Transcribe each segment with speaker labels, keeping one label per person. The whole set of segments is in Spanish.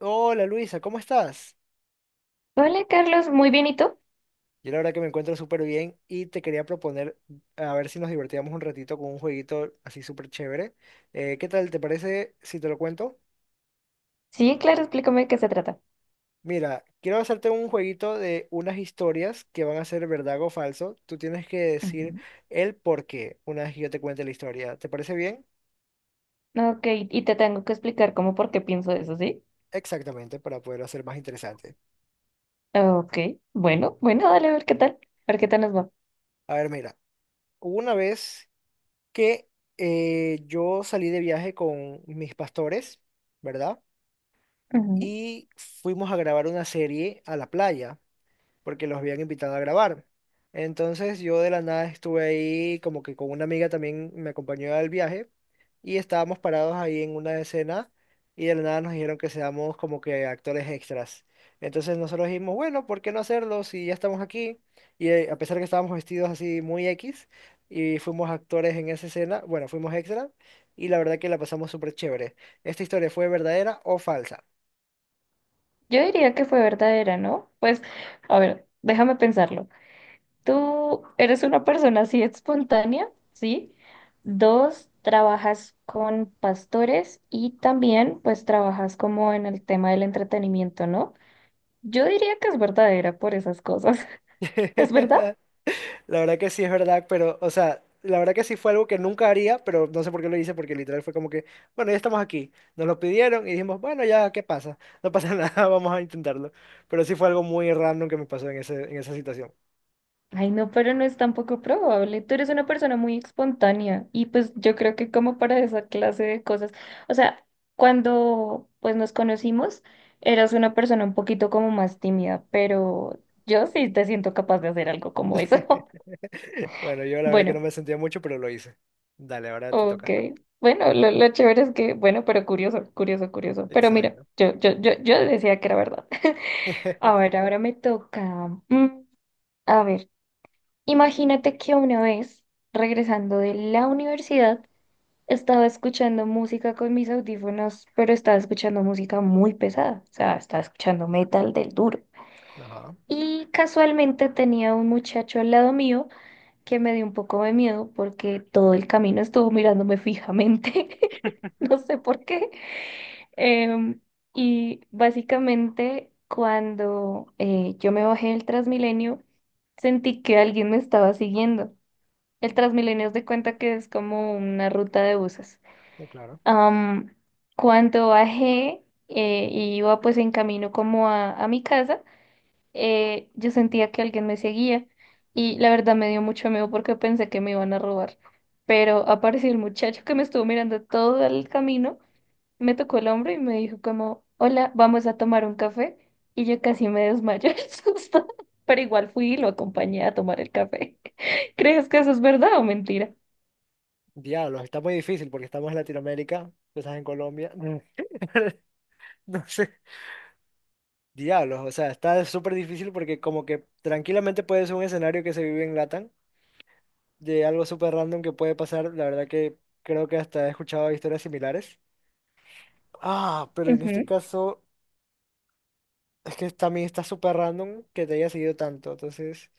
Speaker 1: Hola Luisa, ¿cómo estás?
Speaker 2: Hola Carlos, muy bien, ¿y tú?
Speaker 1: Yo la verdad que me encuentro súper bien y te quería proponer a ver si nos divertíamos un ratito con un jueguito así súper chévere. ¿Qué tal? ¿Te parece si te lo cuento?
Speaker 2: Sí, claro, explícame de qué se trata.
Speaker 1: Mira, quiero hacerte un jueguito de unas historias que van a ser verdad o falso. Tú tienes que decir
Speaker 2: Ujú.
Speaker 1: el por qué una vez que yo te cuente la historia. ¿Te parece bien?
Speaker 2: Ok, y te tengo que explicar cómo por qué pienso eso, ¿sí?
Speaker 1: Exactamente, para poderlo hacer más interesante.
Speaker 2: Ok, bueno, bueno, dale, a ver qué tal, a ver qué tal nos va.
Speaker 1: A ver, mira, hubo una vez que yo salí de viaje con mis pastores, ¿verdad?
Speaker 2: Ujú.
Speaker 1: Y fuimos a grabar una serie a la playa, porque los habían invitado a grabar. Entonces yo de la nada estuve ahí como que con una amiga también me acompañó al viaje y estábamos parados ahí en una escena y de la nada nos dijeron que seamos como que actores extras. Entonces nosotros dijimos, bueno, ¿por qué no hacerlo si ya estamos aquí? Y a pesar que estábamos vestidos así muy X y fuimos actores en esa escena, bueno, fuimos extras y la verdad que la pasamos súper chévere. ¿Esta historia fue verdadera o falsa?
Speaker 2: Yo diría que fue verdadera, ¿no? Pues, a ver, déjame pensarlo. Tú eres una persona así espontánea, ¿sí? Dos, trabajas con pastores y también pues trabajas como en el tema del entretenimiento, ¿no? Yo diría que es verdadera por esas cosas. ¿Es verdad?
Speaker 1: La verdad que sí es verdad, pero, o sea, la verdad que sí fue algo que nunca haría, pero no sé por qué lo hice, porque literal fue como que, bueno, ya estamos aquí, nos lo pidieron y dijimos, bueno, ya, ¿qué pasa? No pasa nada, vamos a intentarlo. Pero sí fue algo muy random que me pasó en esa situación.
Speaker 2: Ay, no, pero no es tampoco probable. Tú eres una persona muy espontánea y pues yo creo que como para esa clase de cosas, o sea, cuando pues nos conocimos, eras una persona un poquito como más tímida, pero yo sí te siento capaz de hacer algo como eso.
Speaker 1: Bueno, yo la verdad que no
Speaker 2: Bueno,
Speaker 1: me sentía mucho, pero lo hice. Dale, ahora te
Speaker 2: ok.
Speaker 1: toca.
Speaker 2: Bueno, lo chévere es que, bueno, pero curioso, curioso, curioso. Pero mira,
Speaker 1: Exacto.
Speaker 2: yo decía que era verdad. A ver, ahora me toca. A ver, imagínate que una vez, regresando de la universidad, estaba escuchando música con mis audífonos, pero estaba escuchando música muy pesada, o sea, estaba escuchando metal del duro.
Speaker 1: Ajá,
Speaker 2: Y casualmente tenía un muchacho al lado mío que me dio un poco de miedo porque todo el camino estuvo mirándome fijamente, no sé por qué. Em, y básicamente cuando yo me bajé del Transmilenio, sentí que alguien me estaba siguiendo. El Transmilenio es de cuenta que es como una ruta de buses.
Speaker 1: no, claro.
Speaker 2: Am, Cuando bajé y iba pues en camino como a mi casa, yo sentía que alguien me seguía y la verdad me dio mucho miedo porque pensé que me iban a robar. Pero apareció el muchacho que me estuvo mirando todo el camino, me tocó el hombro y me dijo como, hola, vamos a tomar un café. Y yo casi me desmayo el susto, pero igual fui y lo acompañé a tomar el café. ¿Crees que eso es verdad o mentira?
Speaker 1: Diablos, está muy difícil porque estamos en Latinoamérica, tú estás en Colombia. No sé. Diablos, o sea, está súper difícil porque como que tranquilamente puede ser un escenario que se vive en Latam, de algo súper random que puede pasar, la verdad que creo que hasta he escuchado historias similares. Ah, pero en
Speaker 2: Ujú.
Speaker 1: este caso es que también está súper random que te haya seguido tanto, entonces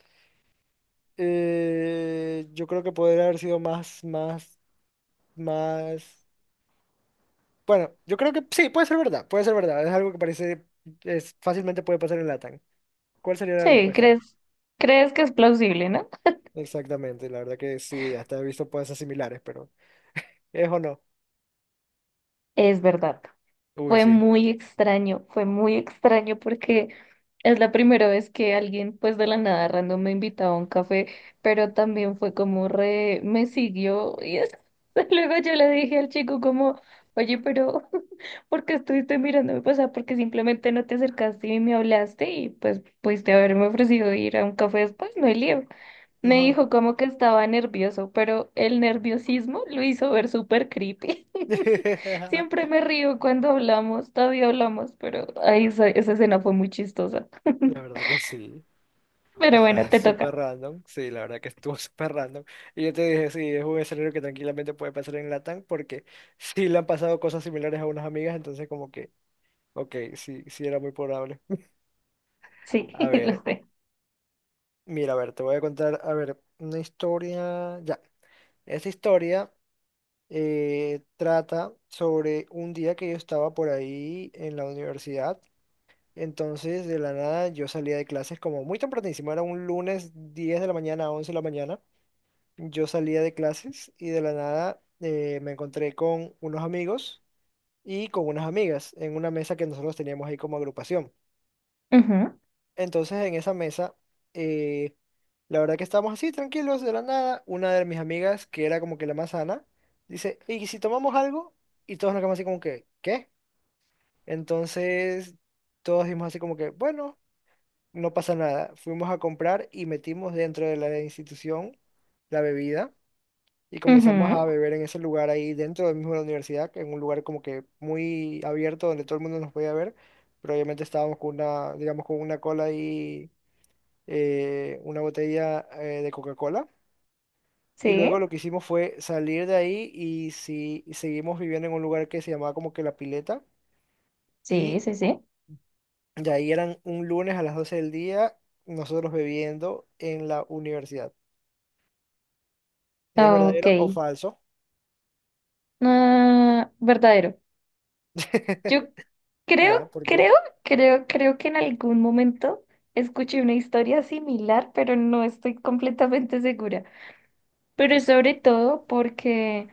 Speaker 1: yo creo que podría haber sido más... Bueno, yo creo que sí, puede ser verdad, es algo que parece, es, fácilmente puede pasar en Latam. ¿Cuál sería la
Speaker 2: Sí,
Speaker 1: respuesta?
Speaker 2: crees, ¿crees que es plausible, no?
Speaker 1: Exactamente, la verdad que sí, hasta he visto cosas similares, pero ¿es o no?
Speaker 2: Es verdad,
Speaker 1: Uy, sí.
Speaker 2: fue muy extraño porque es la primera vez que alguien pues de la nada random me invitaba a un café, pero también fue como re, me siguió y es- luego yo le dije al chico como, oye, pero ¿por qué estuviste mirándome? Pues, o sea, ¿porque simplemente no te acercaste y me hablaste? Y pues pudiste haberme ofrecido ir a un café después, no hay lío. Me
Speaker 1: Ajá.
Speaker 2: dijo como que estaba nervioso, pero el nerviosismo lo hizo ver súper creepy. Siempre me río cuando hablamos, todavía hablamos, pero ahí esa, esa escena fue muy chistosa.
Speaker 1: La verdad que sí,
Speaker 2: Pero bueno,
Speaker 1: está
Speaker 2: te
Speaker 1: súper
Speaker 2: toca.
Speaker 1: random, sí, la verdad que estuvo súper random. Y yo te dije, sí, es un escenario que tranquilamente puede pasar en Latam porque sí le han pasado cosas similares a unas amigas, entonces como que, ok, sí, era muy probable.
Speaker 2: Sí,
Speaker 1: A ver,
Speaker 2: lo sé.
Speaker 1: mira, a ver, te voy a contar, a ver, una historia, ya, esta historia... trata sobre un día que yo estaba por ahí en la universidad. Entonces, de la nada, yo salía de clases como muy tempranísimo, era un lunes 10 de la mañana a 11 de la mañana. Yo salía de clases y de la nada me encontré con unos amigos y con unas amigas en una mesa que nosotros teníamos ahí como agrupación.
Speaker 2: Ujú,
Speaker 1: Entonces en esa mesa, eh, la verdad que estábamos así tranquilos de la nada. Una de mis amigas, que era como que la más sana, dice, ¿y si tomamos algo? Y todos nos quedamos así como que, ¿qué? Entonces todos dijimos así como que, bueno, no pasa nada. Fuimos a comprar y metimos dentro de la institución la bebida y comenzamos a
Speaker 2: ujú,
Speaker 1: beber en ese lugar ahí dentro del mismo de la universidad, que en un lugar como que muy abierto donde todo el mundo nos podía ver. Pero obviamente estábamos con una, digamos, con una cola ahí una botella de Coca-Cola. Y luego
Speaker 2: sí,
Speaker 1: lo que hicimos fue salir de ahí y, seguimos viviendo en un lugar que se llamaba como que La Pileta.
Speaker 2: sí,
Speaker 1: Y
Speaker 2: sí, sí.
Speaker 1: de ahí eran un lunes a las 12 del día nosotros bebiendo en la universidad. ¿Es verdadero o
Speaker 2: Ok.
Speaker 1: falso?
Speaker 2: Ah, verdadero. Yo creo,
Speaker 1: Ya, ¿por qué?
Speaker 2: creo, creo, creo que en algún momento escuché una historia similar, pero no estoy completamente segura. Pero sobre todo porque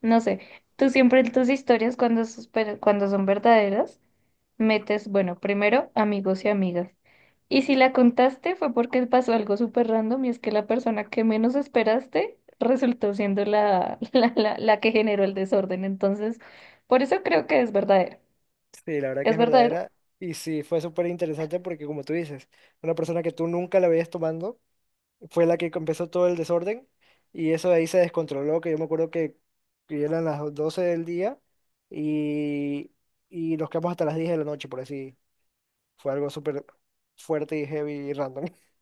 Speaker 2: no sé, tú siempre en tus historias cuando, sos- pero cuando son verdaderas, metes, bueno, primero amigos y amigas. Y si la contaste fue porque pasó algo súper random y es que la persona que menos esperaste resultó siendo la que generó el desorden. Entonces, por eso creo que es verdadero.
Speaker 1: Sí, la verdad que
Speaker 2: ¿Es
Speaker 1: es
Speaker 2: verdadero?
Speaker 1: verdadera. Y sí, fue súper interesante porque como tú dices, una persona que tú nunca la veías tomando fue la que empezó todo el desorden y eso de ahí se descontroló, que yo me acuerdo que eran las 12 del día y, y nos quedamos hasta las 10 de la noche, por así. Fue algo súper fuerte y heavy y random.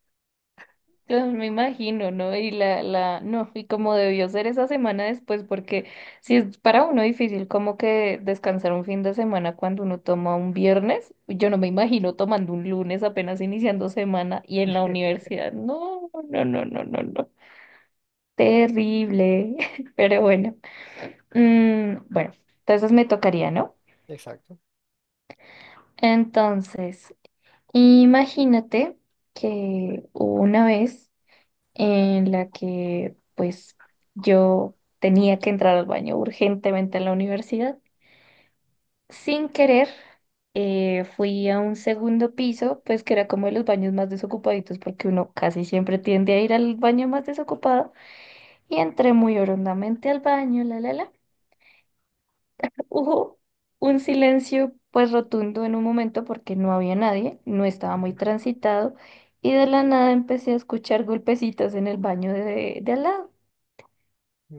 Speaker 2: Claro, me imagino, ¿no? Y no, y como debió ser esa semana después, porque si es para uno difícil como que descansar un fin de semana cuando uno toma un viernes, yo no me imagino tomando un lunes apenas iniciando semana y en la universidad. No, no, no, no, no, no. Terrible. Pero bueno. Bueno, entonces me tocaría, ¿no?
Speaker 1: Exacto.
Speaker 2: Entonces, imagínate que hubo una vez en la que pues yo tenía que entrar al baño urgentemente en la universidad. Sin querer, fui a un segundo piso, pues que era como de los baños más desocupaditos, porque uno casi siempre tiende a ir al baño más desocupado, y entré muy orondamente al baño, la, la, la. Hubo un silencio pues rotundo en un momento porque no había nadie, no estaba muy
Speaker 1: Ujú.
Speaker 2: transitado, y de la nada empecé a escuchar golpecitos en el baño de al lado.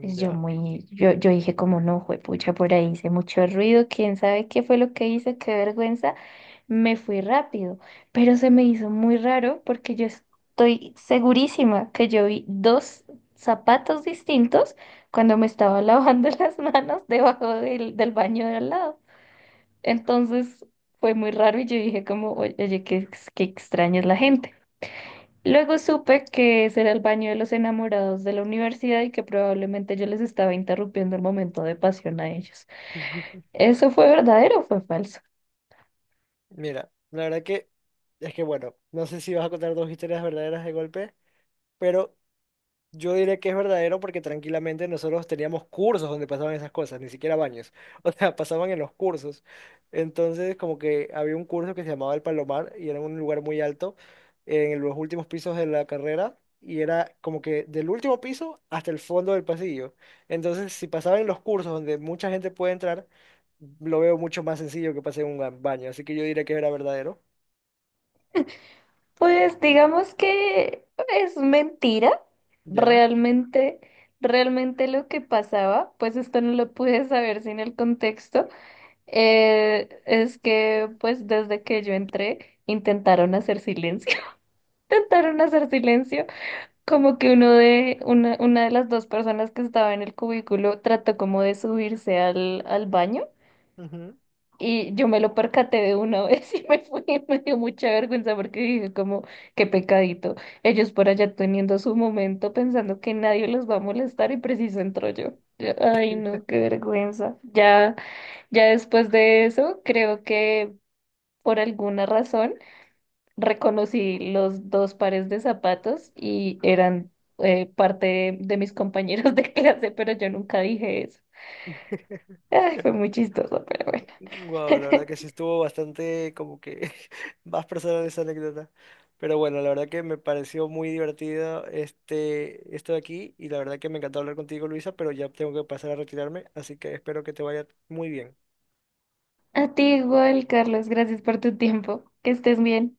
Speaker 2: Pues yo muy, yo dije como no, juepucha, por ahí hice mucho ruido, quién sabe qué fue lo que hice, qué vergüenza. Me fui rápido, pero se me hizo muy raro porque yo estoy segurísima que yo vi dos zapatos distintos cuando me estaba lavando las manos debajo del baño de al lado. Entonces fue muy raro y yo dije como, oye, oye, qué, ex- qué extraña es la gente. Luego supe que ese era el baño de los enamorados de la universidad y que probablemente yo les estaba interrumpiendo el momento de pasión a ellos. ¿Eso fue verdadero o fue falso?
Speaker 1: Mira, la verdad que es que bueno, no sé si vas a contar dos historias verdaderas de golpe, pero yo diré que es verdadero porque tranquilamente nosotros teníamos cursos donde pasaban esas cosas, ni siquiera baños. O sea, pasaban en los cursos. Entonces, como que había un curso que se llamaba El Palomar y era en un lugar muy alto en los últimos pisos de la carrera y era como que del último piso hasta el fondo del pasillo. Entonces, si pasaba en los cursos donde mucha gente puede entrar, lo veo mucho más sencillo que pase en un baño. Así que yo diré que era verdadero.
Speaker 2: Pues digamos que es mentira.
Speaker 1: ¿Ya?
Speaker 2: Realmente, realmente lo que pasaba, pues esto no lo pude saber sin el contexto, es que pues desde que yo entré intentaron hacer silencio. Intentaron hacer silencio. Como que una de las dos personas que estaba en el cubículo trató como de subirse al baño
Speaker 1: Ujú.
Speaker 2: y yo me lo percaté de una vez y me fui, me dio mucha vergüenza porque dije como, qué pecadito, ellos por allá teniendo su momento pensando que nadie los va a molestar y preciso entro yo. Yo, ay, no, qué vergüenza. Ya, ya después de eso, creo que por alguna razón reconocí los dos pares de zapatos y eran parte de mis compañeros de clase, pero yo nunca dije eso. Ay, fue muy chistoso, pero bueno.
Speaker 1: Wow, la verdad que sí estuvo bastante como que más personal esa anécdota. Pero bueno, la verdad que me pareció muy divertido esto de aquí y la verdad que me encantó hablar contigo, Luisa, pero ya tengo que pasar a retirarme, así que espero que te vaya muy bien.
Speaker 2: A ti igual, Carlos, gracias por tu tiempo. Que estés bien.